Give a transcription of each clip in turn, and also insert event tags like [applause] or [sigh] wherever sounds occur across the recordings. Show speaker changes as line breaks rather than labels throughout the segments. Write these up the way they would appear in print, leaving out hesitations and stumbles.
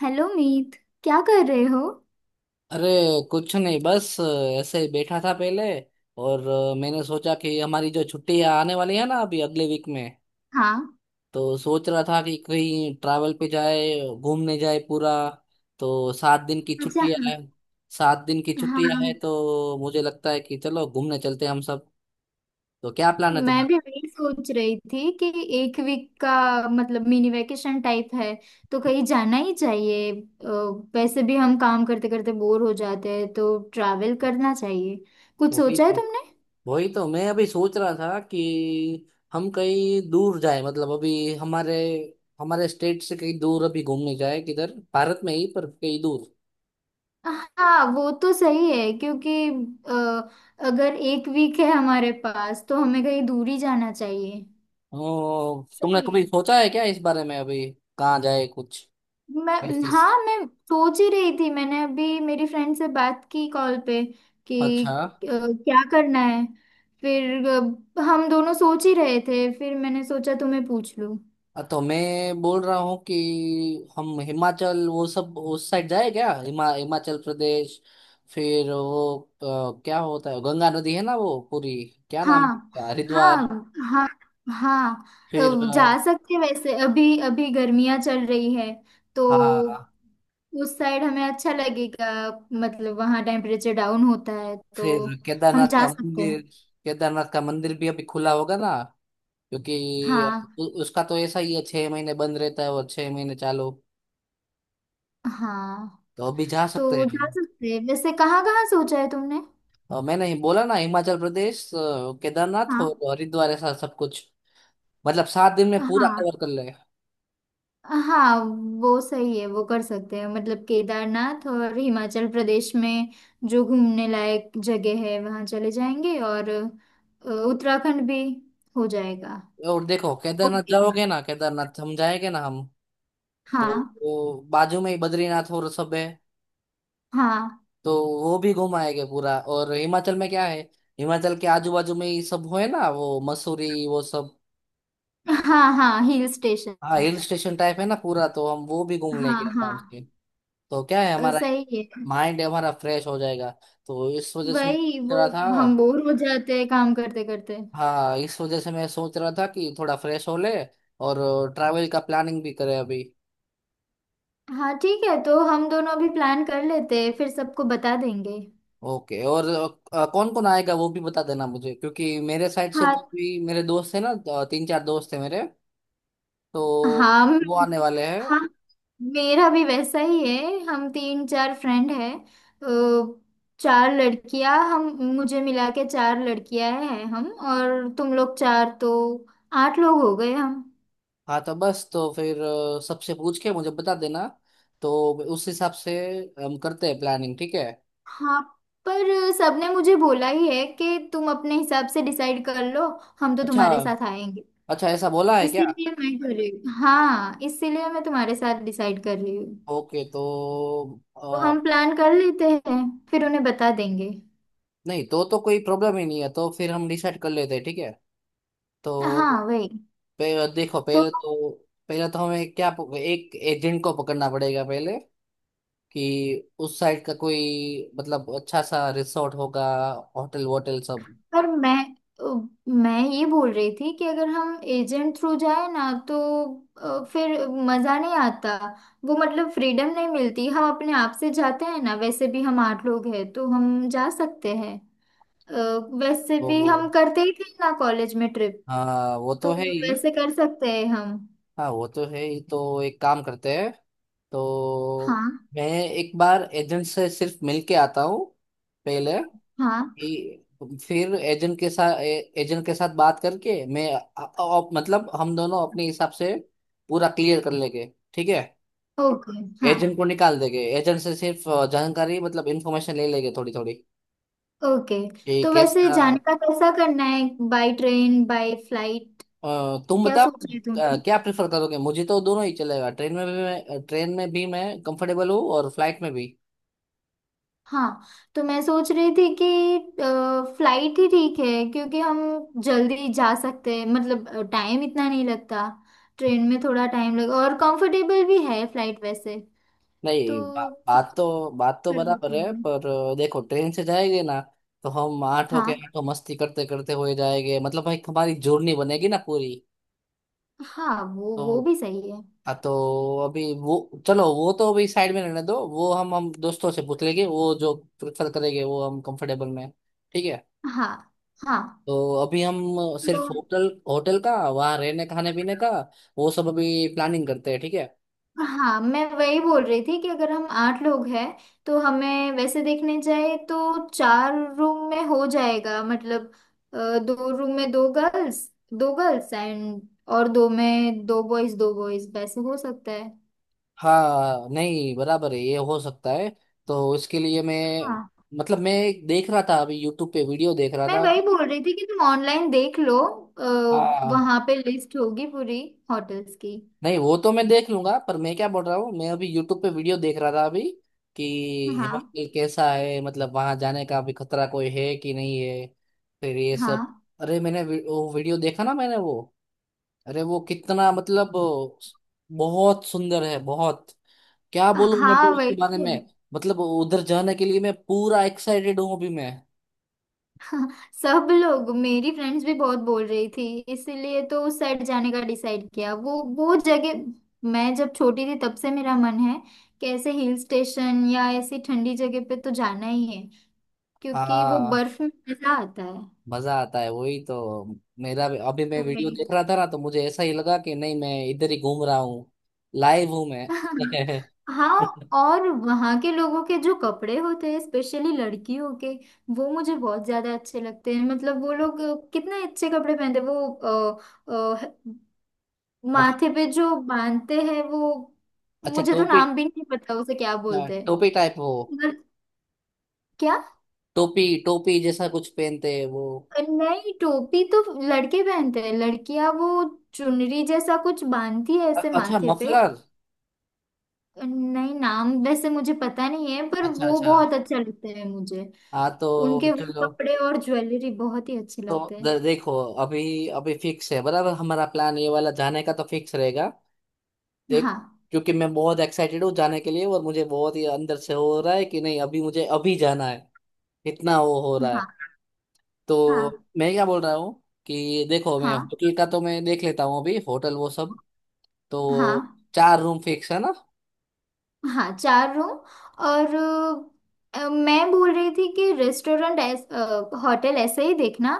Hello Meet. क्या कर रहे हो?
अरे, कुछ नहीं, बस ऐसे ही बैठा था पहले। और मैंने सोचा कि हमारी जो छुट्टियां आने वाली है ना, अभी अगले वीक में
हाँ।
तो सोच रहा था कि कहीं ट्रैवल पे जाए, घूमने जाए पूरा। तो 7 दिन की
अच्छा,
छुट्टियां
हाँ।
है। सात दिन की छुट्टियां है
हाँ,
तो मुझे लगता है कि चलो, घूमने चलते हैं हम सब। तो क्या प्लान है
मैं
तुम्हारा?
भी वही सोच रही थी कि 1 वीक का मतलब मिनी वेकेशन टाइप है, तो कहीं जाना ही चाहिए। वैसे भी हम काम करते करते बोर हो जाते हैं तो ट्रैवल करना चाहिए। कुछ
वो भी
सोचा है तुमने?
वही तो मैं अभी सोच रहा था कि हम कहीं दूर जाए। मतलब अभी हमारे हमारे स्टेट से कहीं दूर अभी घूमने जाए, किधर भारत में ही पर कहीं दूर।
हाँ वो तो सही है क्योंकि अगर 1 वीक है हमारे पास तो हमें कहीं दूर ही जाना चाहिए।
ओ, तुमने
सही
कभी
है।
सोचा है क्या इस बारे में अभी? कहाँ जाए कुछ
मैं
ऐसे।
हाँ, मैं सोच ही रही थी, मैंने अभी मेरी फ्रेंड से बात की कॉल पे कि
अच्छा,
क्या करना है। फिर हम दोनों सोच ही रहे थे, फिर मैंने सोचा तुम्हें पूछ लूं।
तो मैं बोल रहा हूँ कि हम हिमाचल वो सब उस साइड जाए क्या, हिमाचल प्रदेश। फिर वो क्या होता है, गंगा नदी है ना वो पूरी, क्या नाम है
हाँ।
उसका? हरिद्वार।
हाँ। हाँ। हाँ।
फिर
जा सकते हैं वैसे, अभी अभी गर्मियाँ चल रही है तो
हाँ।
उस साइड हमें अच्छा लगेगा। मतलब वहाँ टेम्परेचर डाउन होता है तो
फिर
हम
केदारनाथ
जा
का
सकते हैं।
मंदिर, केदारनाथ का मंदिर भी अभी खुला होगा ना? क्योंकि
हाँ।
उसका तो ऐसा ही है, 6 महीने बंद रहता है और 6 महीने चालू।
हाँ,
तो अभी जा सकते
तो
हैं
जा
हम।
सकते हैं। वैसे कहाँ कहाँ सोचा है तुमने?
और मैंने ही बोला ना, हिमाचल प्रदेश, केदारनाथ
हाँ।
और हरिद्वार, ऐसा सब कुछ। मतलब 7 दिन में पूरा
हाँ।
कवर कर ले।
हाँ वो सही है, वो कर सकते हैं। मतलब केदारनाथ और हिमाचल प्रदेश में जो घूमने लायक जगह है वहाँ चले जाएंगे, और उत्तराखंड भी हो जाएगा।
और देखो, केदारनाथ
ओके।
जाओगे ना, केदारनाथ हम जाएंगे ना हम, तो
हाँ।
वो बाजू में ही बद्रीनाथ और सब है।
हाँ।
तो वो भी घुमाएंगे पूरा। और हिमाचल में क्या है, हिमाचल के आजू बाजू में ये सब हुए ना, वो मसूरी वो सब।
हाँ। हाँ, हिल स्टेशन।
हाँ, हिल स्टेशन टाइप है ना पूरा, तो हम वो भी घूम
हाँ
लेंगे
हाँ।
आराम से। तो क्या है हमारा एक,
सही है।
माइंड हमारा फ्रेश हो जाएगा। तो इस वजह से मैं
वही
सोच
वो,
रहा था।
हम बोर हो जाते हैं काम करते करते।
हाँ, इस वजह से मैं सोच रहा था कि थोड़ा फ्रेश हो ले, और ट्रैवल का प्लानिंग भी करें अभी।
हाँ ठीक है, तो हम दोनों अभी प्लान कर लेते हैं फिर सबको बता देंगे।
ओके। और कौन कौन आएगा वो भी बता देना मुझे, क्योंकि मेरे साइड से
हाँ।
तो भी मेरे दोस्त है ना। तीन चार दोस्त है मेरे, तो
हाँ।
वो आने वाले हैं।
हाँ, मेरा भी वैसा ही है, हम 3-4 फ्रेंड हैं। तो चार लड़कियां हम, मुझे मिला के चार लड़कियां हैं हम, और तुम लोग चार, तो 8 लोग हो गए हम।
हाँ, तो बस, तो फिर सबसे पूछ के मुझे बता देना। तो उस हिसाब से हम करते हैं प्लानिंग, ठीक है।
हाँ। पर सबने मुझे बोला ही है कि तुम अपने हिसाब से डिसाइड कर लो, हम तो
अच्छा।
तुम्हारे साथ आएंगे।
अच्छा, ऐसा बोला है क्या?
इसीलिए मैं कर रही हूँ, हाँ इसीलिए मैं तुम्हारे साथ डिसाइड कर रही हूँ।
ओके, तो
तो
अ,
हम प्लान कर लेते हैं फिर उन्हें बता देंगे।
नहीं तो कोई प्रॉब्लम ही नहीं है, तो फिर हम डिसाइड कर लेते हैं, ठीक है। तो
हाँ वही
देखो,
तो।
पहले तो हमें क्या एक एजेंट को पकड़ना पड़ेगा पहले। कि उस साइड का कोई, मतलब अच्छा सा रिसोर्ट होगा, होटल वोटल सब।
पर मैं ये बोल रही थी कि अगर हम एजेंट थ्रू जाए ना तो फिर मज़ा नहीं आता। वो मतलब फ्रीडम नहीं मिलती, हम अपने आप से जाते हैं ना, वैसे भी हम 8 लोग हैं तो हम जा सकते हैं। अ, वैसे
तो
भी हम करते ही थे ना कॉलेज में ट्रिप।
हाँ, वो
तो
तो है ही।
वैसे कर सकते हैं हम।
हाँ, वो तो है ही, तो एक काम करते हैं। तो
हाँ।
मैं एक बार एजेंट से सिर्फ मिल के आता हूँ पहले।
हाँ।
फिर एजेंट के साथ बात करके मैं मतलब हम दोनों अपने हिसाब से पूरा क्लियर कर लेंगे, ठीक है।
ओके। हाँ।
एजेंट को निकाल देंगे, एजेंट से सिर्फ जानकारी, मतलब इंफॉर्मेशन ले लेंगे थोड़ी थोड़ी।
ओके,
ये
तो वैसे
कैसा?
जाने का कैसा करना है? By train by flight?
तुम
क्या
बताओ।
सोच रहे थे तुम?
क्या प्रेफर करोगे? मुझे तो दोनों ही चलेगा, ट्रेन में भी मैं कंफर्टेबल हूँ और फ्लाइट में भी।
हाँ, तो मैं सोच रही थी कि फ्लाइट ही ठीक है क्योंकि हम जल्दी जा सकते हैं, मतलब टाइम इतना नहीं लगता। ट्रेन में थोड़ा टाइम लगे, और कंफर्टेबल भी है फ्लाइट वैसे। तो
नहीं,
फ्लाइट
बात तो
पर करते
बराबर है,
हैं।
पर देखो, ट्रेन से जाएंगे ना, तो हम आठ होके
हाँ।
आठों मस्ती करते करते हुए जाएंगे, मतलब भाई हमारी जर्नी बनेगी ना पूरी।
हाँ, वो
तो
भी सही है।
हाँ तो अभी वो, चलो वो तो अभी साइड में रहने दो। वो हम दोस्तों से पूछ लेंगे वो जो प्रेफर करेंगे, वो हम कंफर्टेबल में, ठीक है।
हाँ। हाँ।
तो अभी हम
तो
सिर्फ होटल होटल का, वहाँ रहने खाने पीने का वो सब अभी प्लानिंग करते हैं, ठीक है।
हाँ, मैं वही बोल रही थी कि अगर हम आठ लोग हैं तो हमें वैसे देखने जाए तो 4 रूम में हो जाएगा। मतलब दो रूम में दो गर्ल्स, दो गर्ल्स एंड, और दो में दो बॉयज, दो बॉयज वैसे हो सकता है।
हाँ, नहीं बराबर है, ये हो सकता है। तो इसके लिए मैं,
हाँ,
मतलब मैं देख रहा था अभी, यूट्यूब पे वीडियो देख रहा
मैं
था।
वही बोल रही थी कि तुम ऑनलाइन देख लो।
हाँ,
वहाँ पे लिस्ट होगी पूरी होटल्स की।
नहीं वो तो मैं देख लूंगा, पर मैं क्या बोल रहा हूँ, मैं अभी यूट्यूब पे वीडियो देख रहा था अभी कि
हाँ।
हिमाचल कैसा है, मतलब वहां जाने का भी खतरा कोई है कि नहीं है, फिर ये सब।
हाँ।
अरे मैंने वो वीडियो देखा ना मैंने वो, अरे वो कितना, मतलब बहुत सुंदर है, बहुत क्या बोलूं मैं भी
हाँ वही
उसके बारे
तो।
में। मतलब उधर जाने के लिए मैं पूरा एक्साइटेड हूँ अभी मैं।
सब लोग, मेरी फ्रेंड्स भी बहुत बोल रही थी, इसीलिए तो उस साइड जाने का डिसाइड किया। वो जगह, मैं जब छोटी थी तब से मेरा मन है कि ऐसे हिल स्टेशन या ऐसी ठंडी जगह पे तो जाना ही है क्योंकि वो
हाँ,
बर्फ में मजा आता है।
मजा आता है वही तो। अभी मैं वीडियो
वही।
देख रहा था ना, तो मुझे ऐसा ही लगा कि नहीं, मैं इधर ही घूम रहा हूँ, लाइव हूँ मैं।
[laughs]
[laughs]
हाँ, और वहाँ के लोगों के जो कपड़े होते हैं स्पेशली लड़कियों के, वो मुझे बहुत ज्यादा अच्छे लगते हैं। मतलब वो लोग कितने अच्छे कपड़े पहनते हैं। वो
मतलब,
माथे पे जो बांधते हैं, वो
अच्छा
मुझे तो
टोपी।
नाम भी नहीं पता उसे क्या
हाँ,
बोलते हैं।
टोपी टाइप हो।
मगर क्या?
टोपी टोपी जैसा कुछ पहनते हैं वो।
नहीं, टोपी तो लड़के पहनते हैं, लड़कियां वो चुनरी जैसा कुछ बांधती है ऐसे
अच्छा,
माथे पे।
मफलर।
नहीं, नाम वैसे मुझे पता नहीं है पर
अच्छा
वो
अच्छा।
बहुत अच्छा लगता है मुझे।
हाँ तो
उनके
चलो।
वो कपड़े और ज्वेलरी बहुत ही अच्छे लगते
तो
हैं।
देखो अभी, अभी फिक्स है बराबर हमारा प्लान, ये वाला जाने का तो फिक्स रहेगा देख।
हाँ।
क्योंकि मैं बहुत एक्साइटेड हूँ जाने के लिए, और मुझे बहुत ही अंदर से हो रहा है कि नहीं, अभी मुझे अभी जाना है, इतना वो हो रहा है।
हाँ। हाँ।
तो मैं क्या बोल रहा हूँ कि देखो, मैं
हाँ।
होटल का तो मैं देख लेता हूँ अभी, होटल वो सब। तो
हाँ।
चार रूम फिक्स है ना?
हाँ, चार रूम, और मैं बोल रही थी कि रेस्टोरेंट होटल ऐसे ही देखना।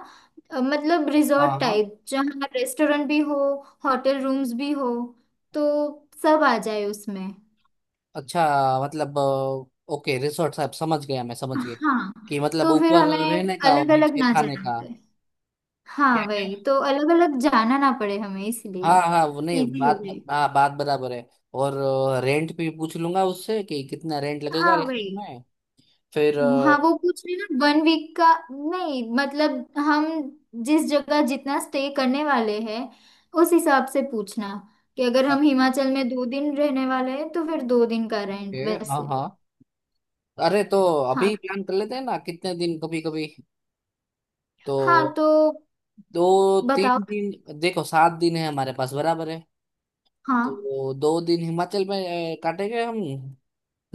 मतलब
हाँ
रिजॉर्ट
हाँ।
टाइप जहाँ रेस्टोरेंट भी हो, होटल रूम्स भी हो, तो सब आ जाए उसमें।
अच्छा मतलब, ओके रिसोर्ट साहब, समझ गया, मैं समझ गया
हाँ
कि मतलब
तो फिर
ऊपर
हमें
रहने का और
अलग अलग
नीचे
ना
खाने
जाना
का।
पड़े।
क्या
हाँ
क्या।
वही तो, अलग अलग जाना ना पड़े हमें इसलिए
हाँ हाँ वो नहीं,
इजी हो
बात,
जाए।
हाँ बात बराबर है। और रेंट भी पूछ लूंगा उससे कि कितना रेंट लगेगा
हाँ वही।
रेस्टोरेंट में। फिर
हाँ, वो पूछ रही ना 1 वीक का? नहीं, मतलब हम जिस जगह जितना स्टे करने वाले हैं उस हिसाब से पूछना। कि अगर हम हिमाचल में 2 दिन रहने वाले हैं तो फिर 2 दिन का
ओके
रेंट
हाँ
वैसे।
हाँ। अरे तो
हाँ।
अभी प्लान कर लेते हैं ना कितने दिन, कभी कभी। तो
हाँ, तो
दो
बताओ।
तीन दिन देखो 7 दिन है हमारे पास, बराबर है।
हाँ।
तो 2 दिन हिमाचल में काटेंगे हम।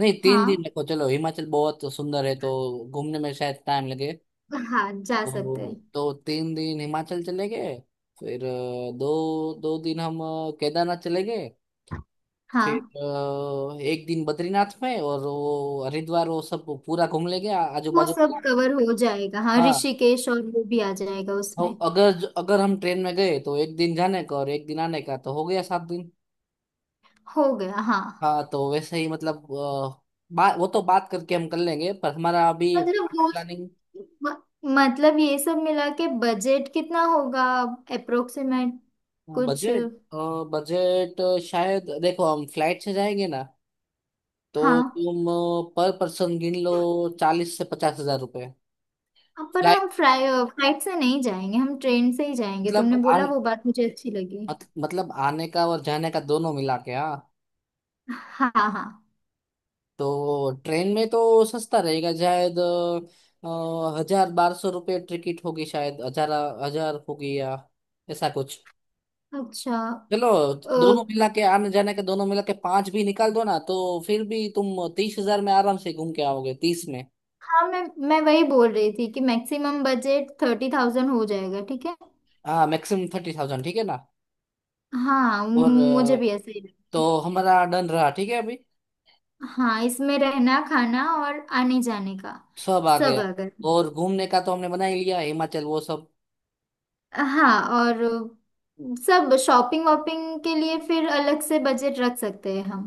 नहीं, तीन
हाँ।
दिन देखो, चलो हिमाचल बहुत सुंदर है, तो घूमने में शायद टाइम लगे।
हाँ, जा सकते
तो
हैं।
तो 3 दिन हिमाचल चले गए। फिर दो दो दिन हम केदारनाथ चले गए। फिर
हाँ,
1 दिन बद्रीनाथ में, और वो हरिद्वार वो सब पूरा घूम लेंगे आजू
वो
बाजू का।
सब कवर हो जाएगा, हाँ
हाँ
ऋषिकेश और वो भी आ जाएगा
और
उसमें।
अगर अगर हम ट्रेन में गए तो 1 दिन जाने का और 1 दिन आने का, तो हो गया 7 दिन।
हो गया, हाँ।
हाँ तो वैसे ही, मतलब वो तो बात करके हम कर लेंगे, पर हमारा अभी
मतलब रोज,
प्लानिंग।
म- मतलब ये सब मिला के बजट कितना होगा, अप्रोक्सीमेट
हाँ,
कुछ?
बजट बजट शायद, देखो हम फ्लाइट से जाएंगे ना, तो
हाँ,
तुम पर पर्सन गिन लो, 40 से 50 हजार रुपए,
अब पर
फ्लाइट।
हम फ्लाइट से नहीं जाएंगे, हम ट्रेन से ही जाएंगे, तुमने
मतलब
बोला वो बात मुझे अच्छी लगी।
मत, मतलब आने का और जाने का दोनों मिला के, हाँ,
हाँ। हाँ।
तो ट्रेन में तो सस्ता रहेगा शायद, 1000 1200 रुपये टिकट होगी, शायद हजार हजार होगी या ऐसा कुछ।
अच्छा।
चलो,
अ,
दोनों मिला के आने जाने के, दोनों मिला के पांच भी निकाल दो ना, तो फिर भी तुम 30 हजार में आराम से घूम के आओगे, 30 में।
हाँ, मैं वही बोल रही थी कि मैक्सिमम बजट 30,000 हो जाएगा, ठीक है।
हाँ, मैक्सिमम 30,000, ठीक है ना।
हाँ
और
मुझे भी ऐसे ही लगा।
तो हमारा डन रहा, ठीक है अभी,
हाँ, इसमें रहना खाना और आने जाने का
सब आ
सब
गया।
आ गया।
और घूमने का तो हमने बना ही लिया हिमाचल वो सब।
हाँ, और सब शॉपिंग वॉपिंग के लिए फिर अलग से बजट रख सकते हैं हम,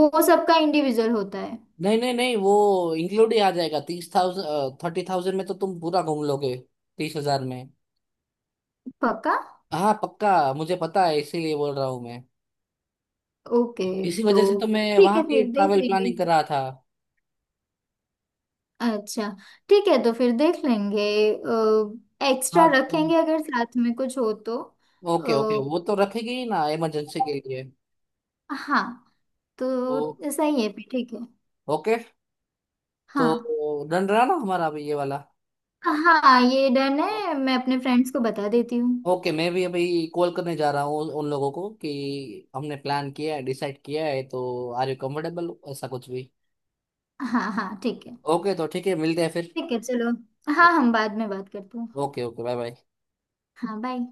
वो सबका इंडिविजुअल होता है।
नहीं नहीं नहीं वो इंक्लूड ही आ जाएगा 30,000 30,000 में, तो तुम पूरा घूम लोगे 30 हजार में।
पक्का?
हाँ पक्का, मुझे पता है, इसीलिए बोल रहा हूँ मैं।
ओके
इसी
तो
वजह से तो मैं
ठीक
वहाँ
है
की
फिर देख
ट्रैवल
लेंगे।
प्लानिंग कर रहा था।
अच्छा, ठीक है तो फिर देख लेंगे, एक्स्ट्रा
हाँ तो
रखेंगे अगर साथ में कुछ हो तो। अ,
ओके, ओके वो तो रखेगी ही ना इमरजेंसी के लिए।
हाँ,
तो
तो सही है फिर ठीक है।
ओके। तो
हाँ।
डन रहा ना हमारा अभी ये वाला।
हाँ, ये डन
तो,
है, मैं अपने फ्रेंड्स को बता देती हूँ।
ओके मैं भी अभी कॉल करने जा रहा हूँ उन उन लोगों को, कि हमने प्लान किया है, डिसाइड किया है, तो आर यू कंफर्टेबल, ऐसा कुछ भी।
हाँ हाँ ठीक है।
ओके, तो ठीक है, मिलते हैं फिर।
ठीक है चलो, हाँ हम बाद में बात करते हैं।
Okay okay. Bye bye.
हाँ बाय।